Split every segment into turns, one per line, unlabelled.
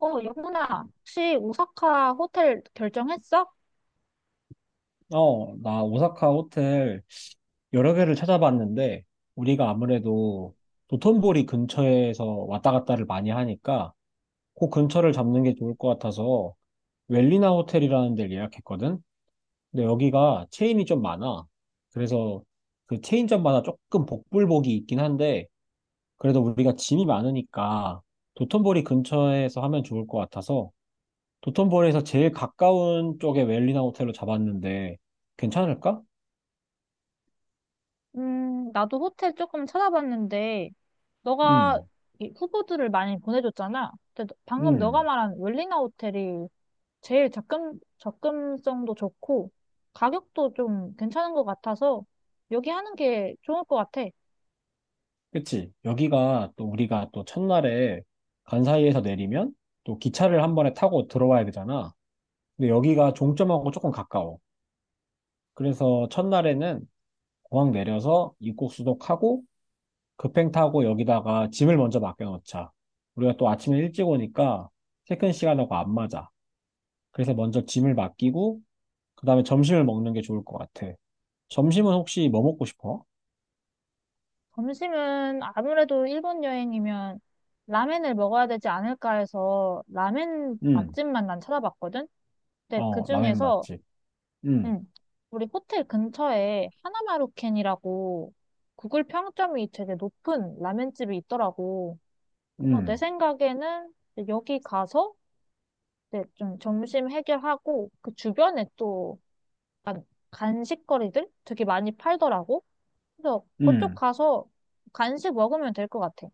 영훈아, 혹시 오사카 호텔 결정했어?
어, 나 오사카 호텔 여러 개를 찾아봤는데, 우리가 아무래도 도톤보리 근처에서 왔다 갔다를 많이 하니까, 그 근처를 잡는 게 좋을 것 같아서, 웰리나 호텔이라는 데를 예약했거든? 근데 여기가 체인이 좀 많아. 그래서 그 체인점마다 조금 복불복이 있긴 한데, 그래도 우리가 짐이 많으니까, 도톤보리 근처에서 하면 좋을 것 같아서, 도톤보리에서 제일 가까운 쪽에 웰리나 호텔로 잡았는데, 괜찮을까?
나도 호텔 조금 찾아봤는데, 너가
음.
이 후보들을 많이 보내줬잖아. 근데 방금 너가
음,
말한 웰리나 호텔이 제일 접근성도 좋고, 가격도 좀 괜찮은 것 같아서, 여기 하는 게 좋을 것 같아.
그치. 여기가 또 우리가 또 첫날에 간사이에서 내리면 또 기차를 한 번에 타고 들어와야 되잖아. 근데 여기가 종점하고 조금 가까워. 그래서 첫날에는 공항 내려서 입국 수속하고 급행 타고 여기다가 짐을 먼저 맡겨놓자. 우리가 또 아침에 일찍 오니까 체크인 시간하고 안 맞아. 그래서 먼저 짐을 맡기고 그다음에 점심을 먹는 게 좋을 것 같아. 점심은 혹시 뭐 먹고 싶어?
점심은 아무래도 일본 여행이면 라멘을 먹어야 되지 않을까 해서, 라멘
음,
맛집만 난 찾아봤거든? 근데 그
어, 라멘
중에서,
맛집. 음,
응, 우리 호텔 근처에 하나마루켄이라고 구글 평점이 되게 높은 라면집이 있더라고. 그래서 내
음,
생각에는 이제 여기 가서 이제 좀 점심 해결하고 그 주변에 또 약간 간식거리들 되게 많이 팔더라고. 그래서 그쪽
음.
가서 간식 먹으면 될 것 같아.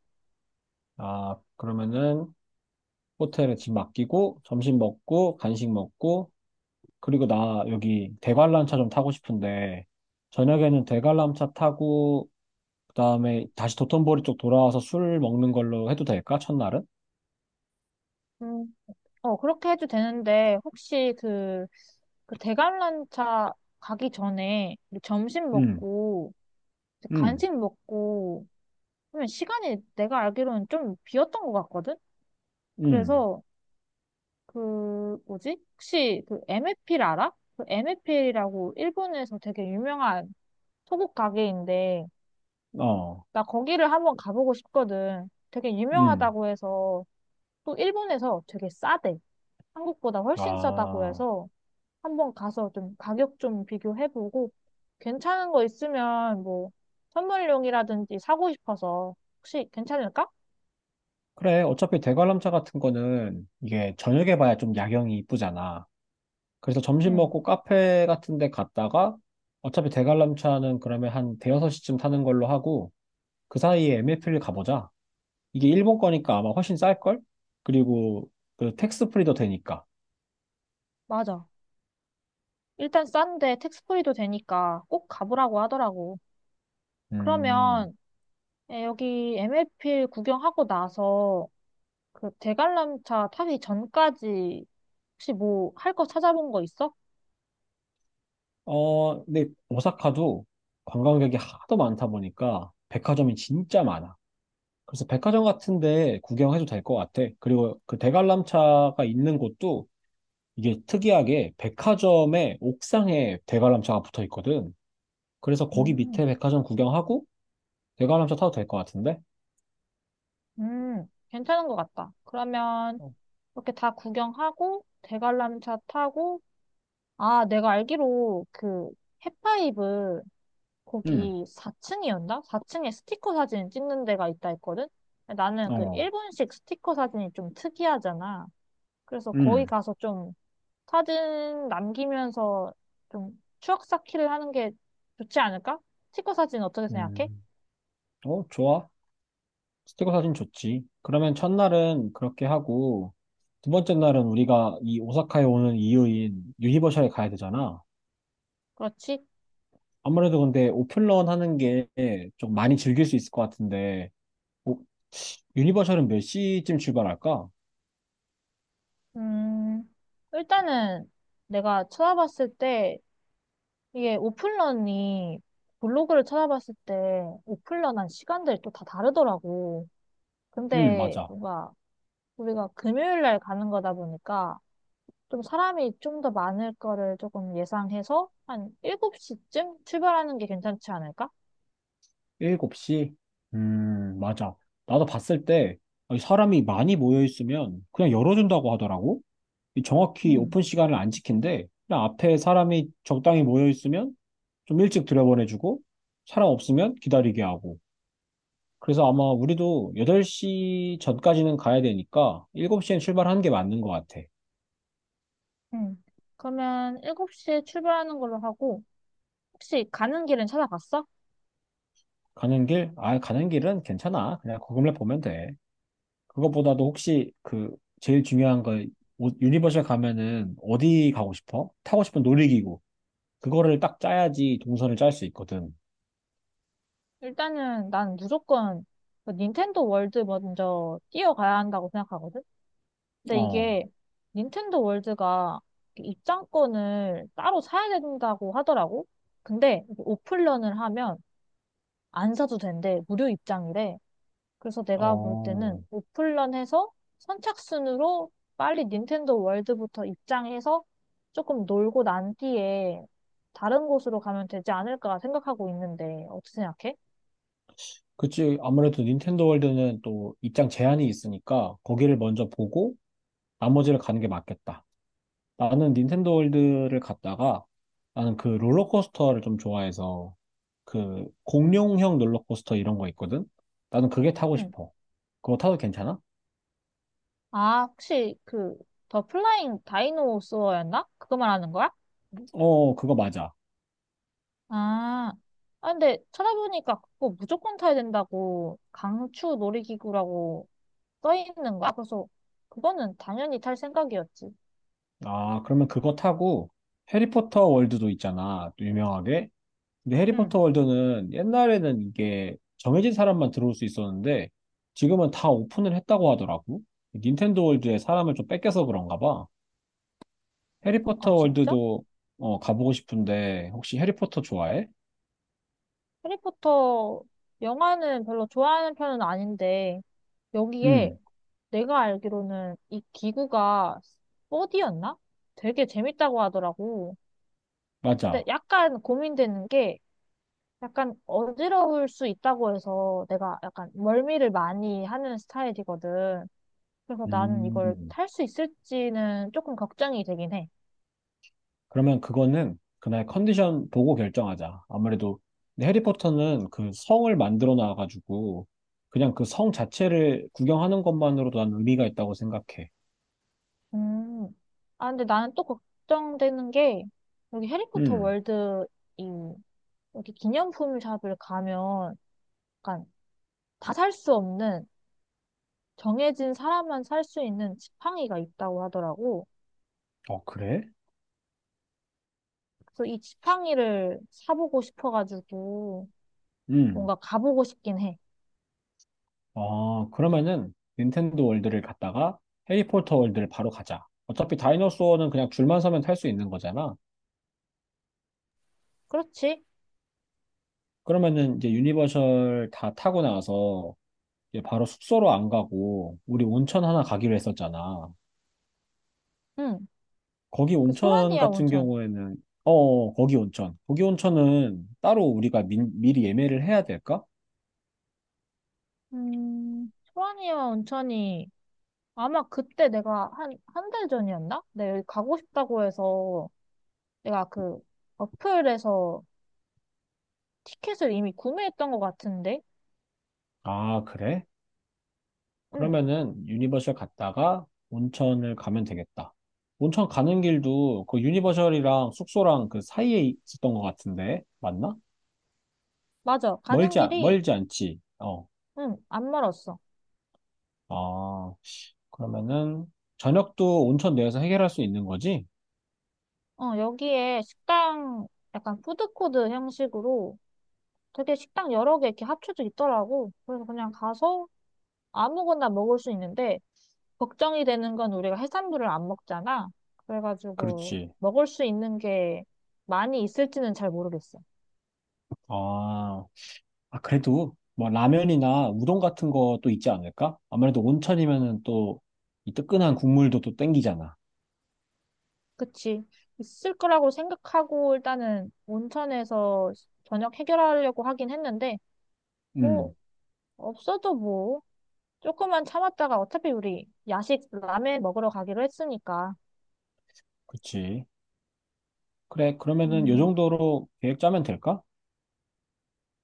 아, 그러면은 호텔에 집 맡기고 점심 먹고 간식 먹고 그리고 나 여기 대관람차 좀 타고 싶은데 저녁에는 대관람차 타고 그다음에 다시 도톤보리 쪽 돌아와서 술 먹는 걸로 해도 될까? 첫날은?
음, 그렇게 해도 되는데 혹시 그 대관람차 가기 전에 우리 점심
음.
먹고 이제
음.
간식 먹고 그러면 시간이 내가 알기로는 좀 비었던 것 같거든?
음.
그래서 그 뭐지? 혹시 그 MFL 알아? 그 MFL이라고 일본에서 되게 유명한 소국 가게인데
어.
나 거기를 한번 가보고 싶거든. 되게
음.
유명하다고 해서 또 일본에서 되게 싸대. 한국보다 훨씬 싸다고
아.
해서 한번 가서 좀 가격 좀 비교해보고 괜찮은 거 있으면 뭐 선물용이라든지 사고 싶어서 혹시 괜찮을까?
그래. 어차피 대관람차 같은 거는 이게 저녁에 봐야 좀 야경이 이쁘잖아. 그래서 점심
응,
먹고 카페 같은 데 갔다가 어차피 대관람차는 그러면 한 대여섯 시쯤 타는 걸로 하고 그 사이에 MF를 가보자. 이게 일본 거니까 아마 훨씬 쌀걸? 그리고 그 텍스 프리도 되니까.
맞아. 일단 싼데 택스프리도 되니까 꼭 가보라고 하더라고.
음,
그러면 여기 MLPL 구경하고 나서 그 대관람차 타기 전까지 혹시 뭐 할 거 찾아본 거 있어?
어, 근데 오사카도 관광객이 하도 많다 보니까 백화점이 진짜 많아. 그래서 백화점 같은데 구경해도 될 것 같아. 그리고 그 대관람차가 있는 곳도 이게 특이하게 백화점의 옥상에 대관람차가 붙어 있거든. 그래서 거기 밑에
음,
백화점 구경하고 대관람차 타도 될 것 같은데?
괜찮은 것 같다. 그러면
어,
이렇게 다 구경하고 대관람차 타고 아, 내가 알기로 그해파이브
음,
거기 4층이었나? 4층에 스티커 사진 찍는 데가 있다 했거든? 나는 그
어,
일본식 스티커 사진이 좀 특이하잖아. 그래서 거기
음,
가서 좀 사진 남기면서 좀 추억 쌓기를 하는 게 좋지 않을까? 스티커 사진 어떻게 생각해?
음, 어, 좋아. 스티커 사진 좋지. 그러면 첫날은 그렇게 하고, 두 번째 날은 우리가 이 오사카에 오는 이유인 유니버셜에 가야 되잖아.
그렇지?
아무래도 근데 오픈런 하는 게 좀 많이 즐길 수 있을 것 같은데, 오- 유니버셜은 몇 시쯤 출발할까?
음, 일단은 내가 찾아봤을 때 이게 오픈런이 블로그를 찾아봤을 때 오픈런한 시간들이 또 다 다르더라고.
응
근데
맞아.
뭔가 우리가 금요일 날 가는 거다 보니까 좀 사람이 좀 더 많을 거를 조금 예상해서 한 7시쯤 출발하는 게 괜찮지 않을까?
7시? 맞아. 나도 봤을 때 사람이 많이 모여 있으면 그냥 열어준다고 하더라고. 이 정확히
음,
오픈 시간을 안 지킨대. 그냥 앞에 사람이 적당히 모여 있으면 좀 일찍 들여보내주고 사람 없으면 기다리게 하고. 그래서 아마 우리도 8시 전까지는 가야 되니까 7시엔 출발하는 게 맞는 것 같아.
음. 그러면 7시에 출발하는 걸로 하고 혹시 가는 길은 찾아봤어?
가는 길? 아, 가는 길은 괜찮아. 그냥 거금을 보면 돼. 그것보다도 혹시 그 제일 중요한 거 오- 유니버셜 가면은 어디 가고 싶어? 타고 싶은 놀이기구. 그거를 딱 짜야지 동선을 짤 수 있거든.
일단은 난 무조건 그 닌텐도 월드 먼저 뛰어가야 한다고 생각하거든? 근데
어,
이게 닌텐도 월드가 입장권을 따로 사야 된다고 하더라고. 근데 이게 오픈런을 하면 안 사도 된대. 무료 입장이래. 그래서 내가 볼
어.
때는 오픈런 해서 선착순으로 빨리 닌텐도 월드부터 입장해서 조금 놀고 난 뒤에 다른 곳으로 가면 되지 않을까 생각하고 있는데 어떻게 생각해?
그치. 아무래도 닌텐도 월드는 또 입장 제한이 있으니까 거기를 먼저 보고 나머지를 가는 게 맞겠다. 나는 닌텐도 월드를 갔다가 나는 그 롤러코스터를 좀 좋아해서 그 공룡형 롤러코스터 이런 거 있거든? 나는 그게 타고
응.
싶어. 그거 타도 괜찮아?
아, 혹시 그 더 플라잉 다이노소어였나? 그거 말하는 거야?
어, 그거 맞아.
아, 아, 근데 찾아보니까 그거 무조건 타야 된다고 강추 놀이기구라고 써 있는 거야. 그래서 그거는 당연히 탈 생각이었지.
아, 그러면 그거 타고 해리포터 월드도 있잖아, 또 유명하게. 근데
응.
해리포터 월드는 옛날에는 이게 정해진 사람만 들어올 수 있었는데 지금은 다 오픈을 했다고 하더라고. 닌텐도 월드에 사람을 좀 뺏겨서 그런가 봐.
아,
해리포터
진짜?
월드도 어, 가보고 싶은데 혹시 해리포터 좋아해?
해리포터 영화는 별로 좋아하는 편은 아닌데, 여기에
응,
내가 알기로는 이 기구가 4디였나 되게 재밌다고 하더라고. 근데
맞아.
약간 고민되는 게 약간 어지러울 수 있다고 해서 내가 약간 멀미를 많이 하는 스타일이거든. 그래서 나는 이걸
음.
탈 수 있을지는 조금 걱정이 되긴 해.
그러면 그거는 그날 컨디션 보고 결정하자. 아무래도 근데 해리포터는 그 성을 만들어 놔가지고 그냥 그 성 자체를 구경하는 것만으로도 난 의미가 있다고 생각해.
음. 아, 근데 나는 또 걱정되는 게 여기 해리포터
음,
월드 이 이렇게 기념품 샵을 가면 약간 다 살 수 없는 정해진 사람만 살 수 있는 지팡이가 있다고 하더라고.
어, 그래?
그래서 이 지팡이를 사보고 싶어가지고
음.
뭔가 가보고 싶긴 해.
어, 그러면은 닌텐도 월드를 갔다가 해리포터 월드를 바로 가자. 어차피 다이너소어는 그냥 줄만 서면 탈 수 있는 거잖아.
그렇지?
그러면은 이제 유니버셜 다 타고 나서 이제 바로 숙소로 안 가고 우리 온천 하나 가기로 했었잖아.
응.
거기
그
온천
소라니아
같은
온천.
경우에는, 어, 거기 온천. 거기 온천은 따로 우리가 미리 예매를 해야 될까?
소라니아 온천이 아마 그때 내가 한, 한 달 전이었나? 내가 여기 가고 싶다고 해서 내가 그 어플에서 티켓을 이미 구매했던 것 같은데?
아, 그래?
응.
그러면은 유니버셜 갔다가 온천을 가면 되겠다. 온천 가는 길도 그 유니버셜이랑 숙소랑 그 사이에 있었던 것 같은데, 맞나?
맞아. 가는 길이
멀지 않지. 어,
응, 안 멀었어.
아, 그러면은 저녁도 온천 내에서 해결할 수 있는 거지?
여기에 식당, 약간 푸드코드 형식으로 되게 식당 여러 개 이렇게 합쳐져 있더라고. 그래서 그냥 가서 아무거나 먹을 수 있는데, 걱정이 되는 건 우리가 해산물을 안 먹잖아. 그래가지고
그렇지.
먹을 수 있는 게 많이 있을지는 잘 모르겠어.
아, 아, 그래도 뭐 라면이나 우동 같은 것도 있지 않을까? 아무래도 온천이면은 또 이 뜨끈한 국물도 또 땡기잖아.
그치? 있을 거라고 생각하고 일단은 온천에서 저녁 해결하려고 하긴 했는데, 뭐,
음,
없어도 뭐. 조금만 참았다가 어차피 우리 야식 라멘 먹으러 가기로 했으니까.
그치. 그래, 그러면은 요
음,
정도로 계획 짜면 될까?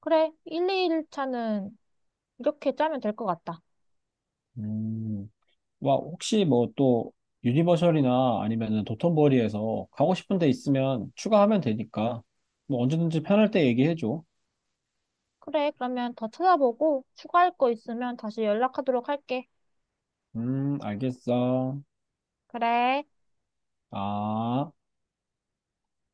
그래. 1, 2일 차는 이렇게 짜면 될 것 같다.
음, 와, 혹시 뭐 또 유니버셜이나 아니면은 도톤보리에서 가고 싶은 데 있으면 추가하면 되니까 뭐 언제든지 편할 때 얘기해줘.
그래. 그러면 더 찾아보고 추가할 거 있으면 다시 연락하도록 할게.
알겠어.
그래.
아.